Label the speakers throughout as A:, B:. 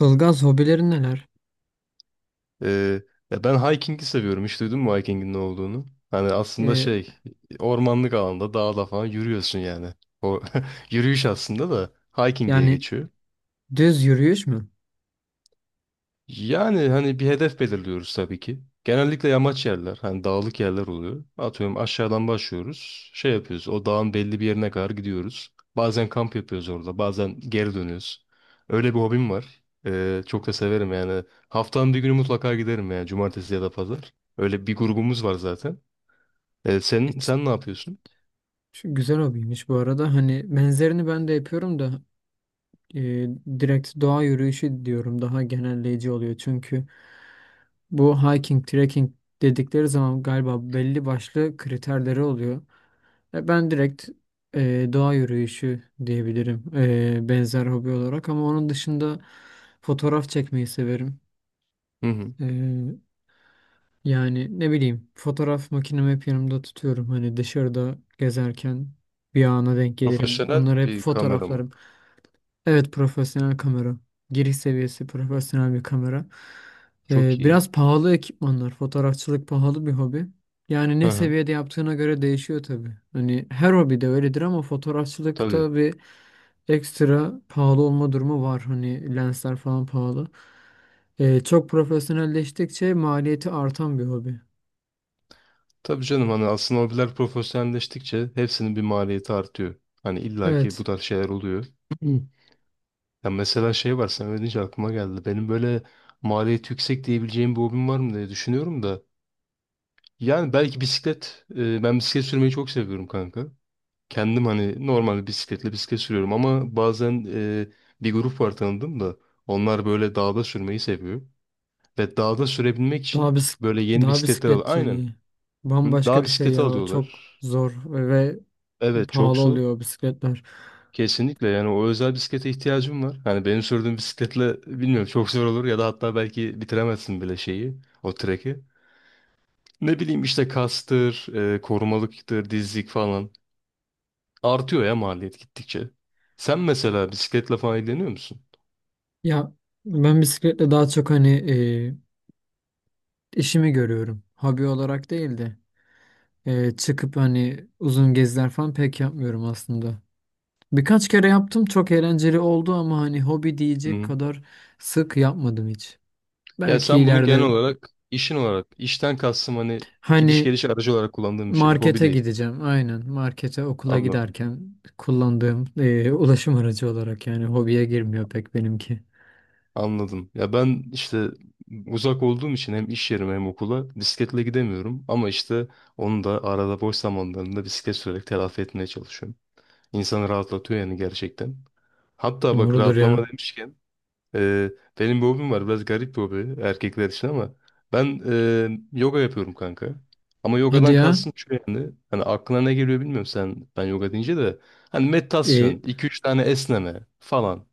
A: Ilgaz hobilerin neler?
B: Ee, Ya ben hiking'i seviyorum. Hiç duydun mu hiking'in ne olduğunu? Hani aslında
A: Ee,
B: şey ormanlık alanda dağda falan yürüyorsun yani. O yürüyüş aslında da hiking diye
A: yani
B: geçiyor.
A: düz yürüyüş mü?
B: Yani hani bir hedef belirliyoruz tabii ki. Genellikle yamaç yerler, hani dağlık yerler oluyor. Atıyorum aşağıdan başlıyoruz. Şey yapıyoruz, o dağın belli bir yerine kadar gidiyoruz. Bazen kamp yapıyoruz orada, bazen geri dönüyoruz. Öyle bir hobim var. Çok da severim yani. Haftanın bir günü mutlaka giderim yani, cumartesi ya da pazar. Öyle bir grubumuz var zaten. Ee, sen,
A: Hiç-
B: sen ne yapıyorsun?
A: şu güzel hobiymiş bu arada. Hani benzerini ben de yapıyorum da e, direkt doğa yürüyüşü diyorum, daha genelleyici oluyor. Çünkü bu hiking, trekking dedikleri zaman galiba belli başlı kriterleri oluyor. Ben direkt doğa yürüyüşü diyebilirim, benzer hobi olarak, ama onun dışında fotoğraf çekmeyi severim.
B: Hı hı.
A: E, Yani ne bileyim, fotoğraf makinemi hep yanımda tutuyorum. Hani dışarıda gezerken bir ana denk gelirim.
B: Profesyonel
A: Onları hep
B: bir kamera mı?
A: fotoğraflarım. Evet, profesyonel kamera. Giriş seviyesi profesyonel bir kamera. Ee,
B: Çok iyi.
A: biraz pahalı ekipmanlar. Fotoğrafçılık pahalı bir hobi. Yani ne
B: Hı hı.
A: seviyede yaptığına göre değişiyor tabii. Hani her hobi de öyledir, ama
B: Tabii.
A: fotoğrafçılıkta bir ekstra pahalı olma durumu var. Hani lensler falan pahalı. Çok profesyonelleştikçe maliyeti artan bir hobi.
B: Tabii canım, hani aslında hobiler profesyonelleştikçe hepsinin bir maliyeti artıyor. Hani illaki bu
A: Evet.
B: tarz şeyler oluyor. Hı. Ya mesela şey var, sen öyle deyince aklıma geldi. Benim böyle maliyeti yüksek diyebileceğim bir hobim var mı diye düşünüyorum da. Yani belki bisiklet. Ben bisiklet sürmeyi çok seviyorum kanka. Kendim hani normal bisikletle bisiklet sürüyorum, ama bazen bir grup var tanıdım da. Onlar böyle dağda sürmeyi seviyor. Ve dağda sürebilmek
A: Dağ
B: için
A: bisik
B: böyle yeni
A: dağ
B: bisikletler al. Aynen.
A: bisikletçiliği.
B: Hı,
A: Bambaşka
B: dağ
A: bir şey
B: bisikleti
A: ya. O çok
B: alıyorlar.
A: zor ve
B: Evet, çok
A: pahalı
B: zor.
A: oluyor, o bisikletler.
B: Kesinlikle, yani o özel bisiklete ihtiyacım var. Hani benim sürdüğüm bisikletle bilmiyorum, çok zor olur ya da hatta belki bitiremezsin bile şeyi, o treki. Ne bileyim işte kastır, korumalıktır, dizlik falan. Artıyor ya maliyet gittikçe. Sen mesela bisikletle falan ilgileniyor musun?
A: Ya ben bisikletle daha çok hani işimi görüyorum. Hobi olarak değil de çıkıp hani uzun geziler falan pek yapmıyorum aslında. Birkaç kere yaptım, çok eğlenceli oldu, ama hani hobi diyecek
B: Hı.
A: kadar sık yapmadım hiç.
B: Ya
A: Belki
B: sen bunu genel
A: ileride
B: olarak işin olarak, işten kastım hani gidiş
A: hani
B: geliş aracı olarak kullandığın bir şey, hobi
A: markete
B: değil.
A: gideceğim. Aynen. Markete, okula
B: Anladım.
A: giderken kullandığım ulaşım aracı olarak, yani hobiye girmiyor pek benimki.
B: Anladım. Ya ben işte uzak olduğum için hem iş yerime hem okula bisikletle gidemiyorum. Ama işte onu da arada boş zamanlarında bisiklet sürerek telafi etmeye çalışıyorum. İnsanı rahatlatıyor yani, gerçekten. Hatta bak,
A: Doğrudur
B: rahatlama
A: ya.
B: demişken e, benim bir hobim var. Biraz garip bir hobi erkekler için, ama ben yoga yapıyorum kanka. Ama
A: Hadi
B: yogadan
A: ya.
B: kastım şu yani. Hani aklına ne geliyor bilmiyorum sen ben yoga deyince de. Hani meditasyon,
A: Eee,
B: iki üç tane esneme falan.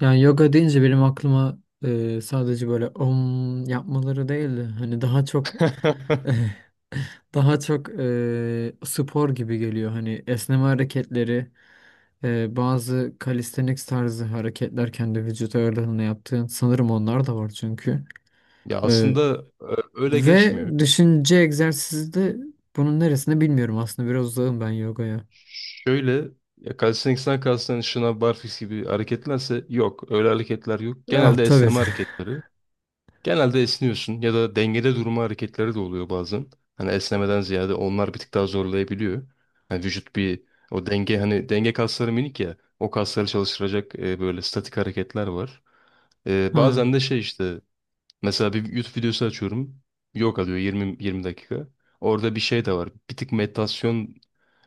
A: yani yoga deyince benim aklıma sadece böyle om yapmaları değildi. Hani daha çok daha çok spor gibi geliyor. Hani esneme hareketleri. Bazı calisthenics tarzı hareketler, kendi vücut ağırlığına yaptığın, sanırım onlar da var çünkü.
B: Ya
A: Ee,
B: aslında öyle
A: ve
B: geçmiyor.
A: düşünce egzersizi de bunun neresinde bilmiyorum, aslında biraz uzağım ben yogaya.
B: Şöyle, ya calisthenics'ten kastın şınav, barfiks gibi hareketlerse yok. Öyle hareketler yok.
A: Ah,
B: Genelde
A: tabii.
B: esneme hareketleri. Genelde esniyorsun ya da dengede durma hareketleri de oluyor bazen. Hani esnemeden ziyade onlar bir tık daha zorlayabiliyor. Hani vücut bir o denge hani denge kasları minik ya. O kasları çalıştıracak böyle statik hareketler var.
A: Ha.
B: Bazen de şey işte mesela bir YouTube videosu açıyorum. Yok, alıyor yirmi dakika. Orada bir şey de var. Bir tık meditasyon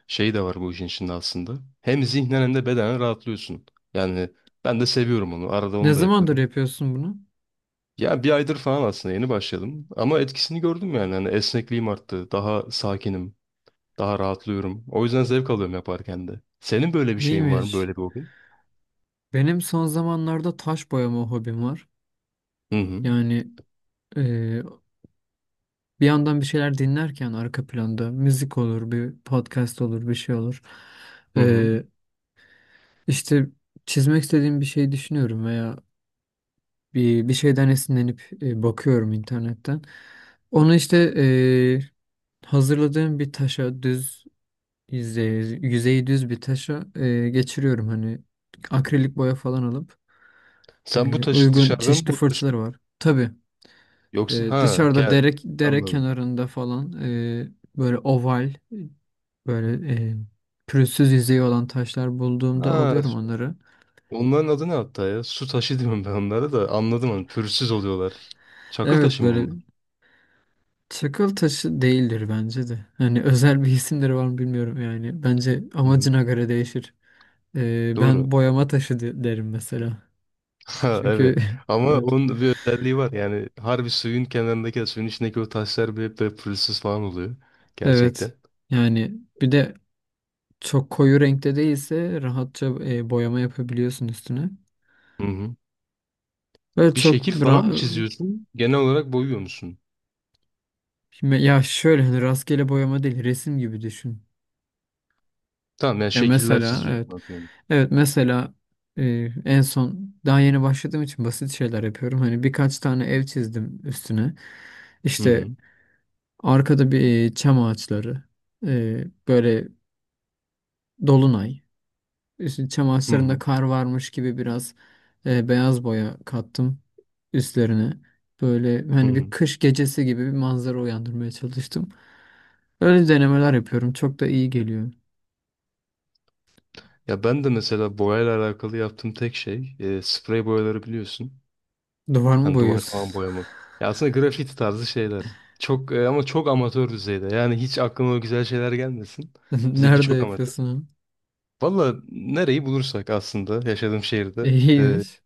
B: şeyi de var bu işin içinde aslında. Hem zihnen hem de bedenen rahatlıyorsun. Yani ben de seviyorum onu. Arada
A: Ne
B: onu da
A: zamandır
B: yapıyorum.
A: yapıyorsun bunu?
B: Ya bir aydır falan aslında, yeni başladım. Ama etkisini gördüm yani. Hani esnekliğim arttı. Daha sakinim. Daha rahatlıyorum. O yüzden zevk alıyorum yaparken de. Senin böyle bir şeyin var mı? Böyle
A: İyiymiş.
B: bir hobin?
A: Benim son zamanlarda taş boyama hobim var.
B: Hı hı.
A: Yani e, bir yandan bir şeyler dinlerken, arka planda müzik olur, bir podcast olur, bir şey olur.
B: Hı hı.
A: Ee, işte çizmek istediğim bir şey düşünüyorum veya bir şeyden esinlenip bakıyorum internetten. Onu işte hazırladığım bir taşa, yüzeyi düz bir taşa geçiriyorum hani, akrilik boya falan alıp
B: Sen bu taşı
A: uygun
B: dışarıdan mı
A: çeşitli
B: buluyorsun?
A: fırçaları var. Tabii,
B: Yoksa ha
A: dışarıda dere
B: anladım.
A: kenarında falan böyle oval, böyle pürüzsüz yüzeyi olan taşlar bulduğumda
B: Ha,
A: alıyorum onları.
B: onların adı ne hatta ya? Su taşı diyorum ben onlara da anladım, hani pürüzsüz oluyorlar. Çakıl
A: Evet,
B: taşı mı
A: böyle.
B: bunlar?
A: Çakıl taşı değildir bence de. Hani özel bir isimleri var mı bilmiyorum yani. Bence
B: Hı-hı.
A: amacına göre değişir. Ee,
B: Doğru.
A: ben boyama taşı derim mesela.
B: Ha,
A: Çünkü
B: evet. Ama
A: evet.
B: onun da bir özelliği var. Yani harbi, suyun kenarındaki, suyun içindeki o taşlar bile hep böyle pürüzsüz falan oluyor.
A: Evet.
B: Gerçekten.
A: Yani bir de çok koyu renkte değilse rahatça boyama yapabiliyorsun üstüne.
B: Hı-hı.
A: Böyle
B: Bir
A: çok
B: şekil falan
A: bra-
B: mı çiziyorsun? Genel olarak boyuyor musun?
A: ya şöyle, hani rastgele boyama değil, resim gibi düşün.
B: Tamam, yani
A: Ya
B: şekiller
A: mesela evet.
B: çiziyorsun atıyorum.
A: Evet, mesela en son, daha yeni başladığım için basit şeyler yapıyorum. Hani birkaç tane ev çizdim üstüne. İşte
B: Hı-hı.
A: arkada bir çam ağaçları, böyle dolunay, işte çam ağaçlarında
B: Hı-hı.
A: kar varmış gibi biraz beyaz boya kattım üstlerine. Böyle hani bir
B: Hı-hı.
A: kış gecesi gibi bir manzara uyandırmaya çalıştım. Öyle denemeler yapıyorum. Çok da iyi geliyor.
B: Ya ben de mesela boyayla alakalı yaptığım tek şey sprey boyaları, biliyorsun.
A: Duvar mı
B: Hani duvar falan
A: boyuyorsun?
B: boyama. Ya aslında grafiti tarzı şeyler. Çok ama çok amatör düzeyde. Yani hiç aklıma o güzel şeyler gelmesin. Bizimki
A: Nerede
B: çok amatör.
A: yapıyorsun onu?
B: Valla nereyi bulursak, aslında yaşadığım şehirde. e,
A: İyiymiş.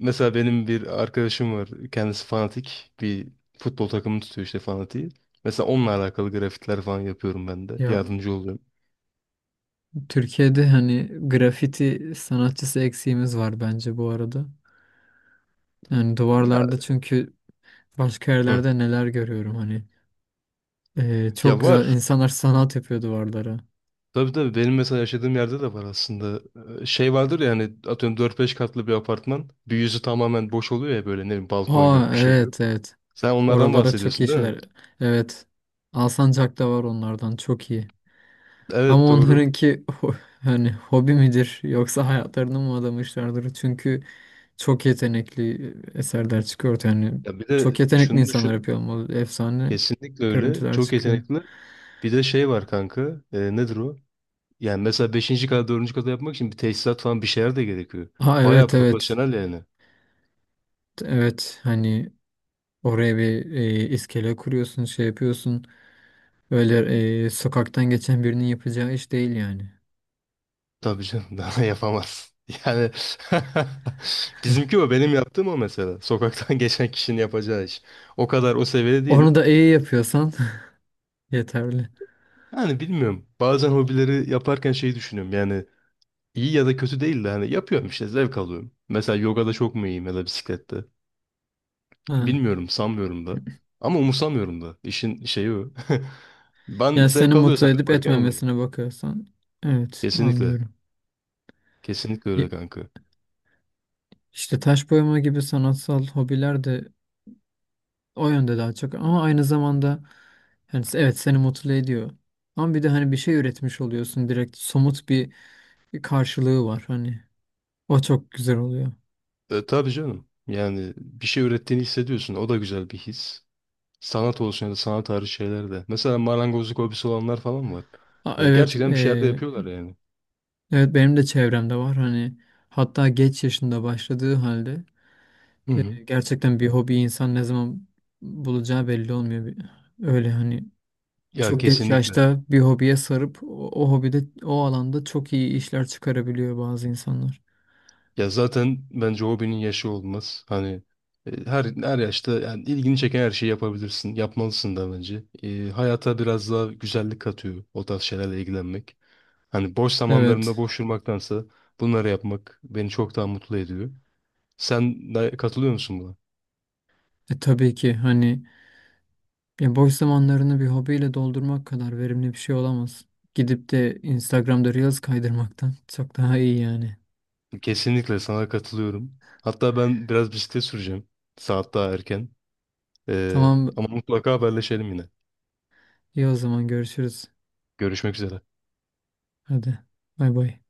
B: Mesela benim bir arkadaşım var. Kendisi fanatik. Bir futbol takımı tutuyor, işte fanatiği. Mesela onunla alakalı grafitler falan yapıyorum ben de.
A: Ya,
B: Yardımcı oluyorum.
A: Türkiye'de hani grafiti sanatçısı eksiğimiz var bence bu arada. Yani
B: Ya,
A: duvarlarda, çünkü başka
B: hı.
A: yerlerde neler görüyorum hani. Çok
B: Ya
A: güzel
B: var.
A: insanlar sanat yapıyor duvarlara.
B: Tabii tabii, benim mesela yaşadığım yerde de var aslında. Şey vardır ya, hani atıyorum dört beş katlı bir apartman. Bir yüzü tamamen boş oluyor ya, böyle ne bileyim balkon
A: Aa,
B: yok, bir şey yok.
A: evet, evet.
B: Sen onlardan
A: Oralara çok iyi
B: bahsediyorsun değil mi?
A: şeyler. Evet. Alsancak'ta var onlardan, çok iyi. Ama
B: Evet, doğru.
A: onlarınki hani hobi midir yoksa hayatlarını mı adamışlardır? Çünkü çok yetenekli eserler çıkıyor ortaya. Yani
B: Ya bir de
A: çok yetenekli
B: şunu
A: insanlar
B: düşün.
A: yapıyor, ama efsane
B: Kesinlikle öyle.
A: görüntüler
B: Çok
A: çıkıyor.
B: yetenekli. Bir de şey var kanka. Nedir o? Yani mesela beşinci kata, dördüncü kata yapmak için bir tesisat falan, bir şeyler de gerekiyor.
A: Aa,
B: Baya
A: evet, evet.
B: profesyonel yani.
A: Evet, hani oraya bir iskele kuruyorsun, şey yapıyorsun. Öyle sokaktan geçen birinin yapacağı iş değil yani.
B: Tabii canım, daha yapamaz. Yani bizimki o, benim yaptığım o mesela. Sokaktan geçen kişinin yapacağı iş. O kadar, o seviyede
A: Onu
B: değilim.
A: da iyi yapıyorsan yeterli.
B: Yani bilmiyorum. Bazen hobileri yaparken şeyi düşünüyorum. Yani iyi ya da kötü değil de hani yapıyorum işte, zevk alıyorum. Mesela yogada çok mu iyiyim ya da bisiklette?
A: Ha.
B: Bilmiyorum, sanmıyorum da. Ama umursamıyorum da. İşin şeyi o. Ben
A: Yani seni
B: zevk
A: mutlu
B: alıyorsam
A: edip
B: yaparken oluyor.
A: etmemesine bakıyorsan, evet,
B: Kesinlikle.
A: anlıyorum.
B: Kesinlikle öyle
A: Y-
B: kanka.
A: İşte taş boyama gibi sanatsal hobiler de o yönde daha çok, ama aynı zamanda, yani, evet, seni mutlu ediyor. Ama bir de hani bir şey üretmiş oluyorsun, direkt somut bir karşılığı var hani. O çok güzel oluyor.
B: Tabii canım. Yani bir şey ürettiğini hissediyorsun. O da güzel bir his. Sanat olsun ya da sanat tarihi şeyler de. Mesela marangozluk hobisi olanlar falan var.
A: Aa, evet,
B: Gerçekten bir şeyler de yapıyorlar yani.
A: evet, benim de çevremde var hani, hatta geç yaşında başladığı halde
B: Hı hı.
A: gerçekten, bir hobi insan ne zaman bulacağı belli olmuyor. Öyle hani
B: Ya
A: çok geç
B: kesinlikle.
A: yaşta bir hobiye sarıp o hobide, o alanda çok iyi işler çıkarabiliyor bazı insanlar.
B: Ya zaten bence hobinin yaşı olmaz. Hani her yaşta yani, ilgini çeken her şeyi yapabilirsin. Yapmalısın da bence. Hayata biraz daha güzellik katıyor o tarz şeylerle ilgilenmek. Hani boş zamanlarında
A: Evet.
B: boş durmaktansa bunları yapmak beni çok daha mutlu ediyor. Sen de katılıyor musun buna?
A: Tabii ki hani, ya, boş zamanlarını bir hobiyle doldurmak kadar verimli bir şey olamaz. Gidip de Instagram'da Reels kaydırmaktan çok daha iyi yani.
B: Kesinlikle sana katılıyorum. Hatta ben biraz bisiklet süreceğim. Saat daha erken. Ee,
A: Tamam,
B: ama mutlaka haberleşelim yine.
A: iyi, o zaman görüşürüz.
B: Görüşmek üzere.
A: Hadi. Bay bay.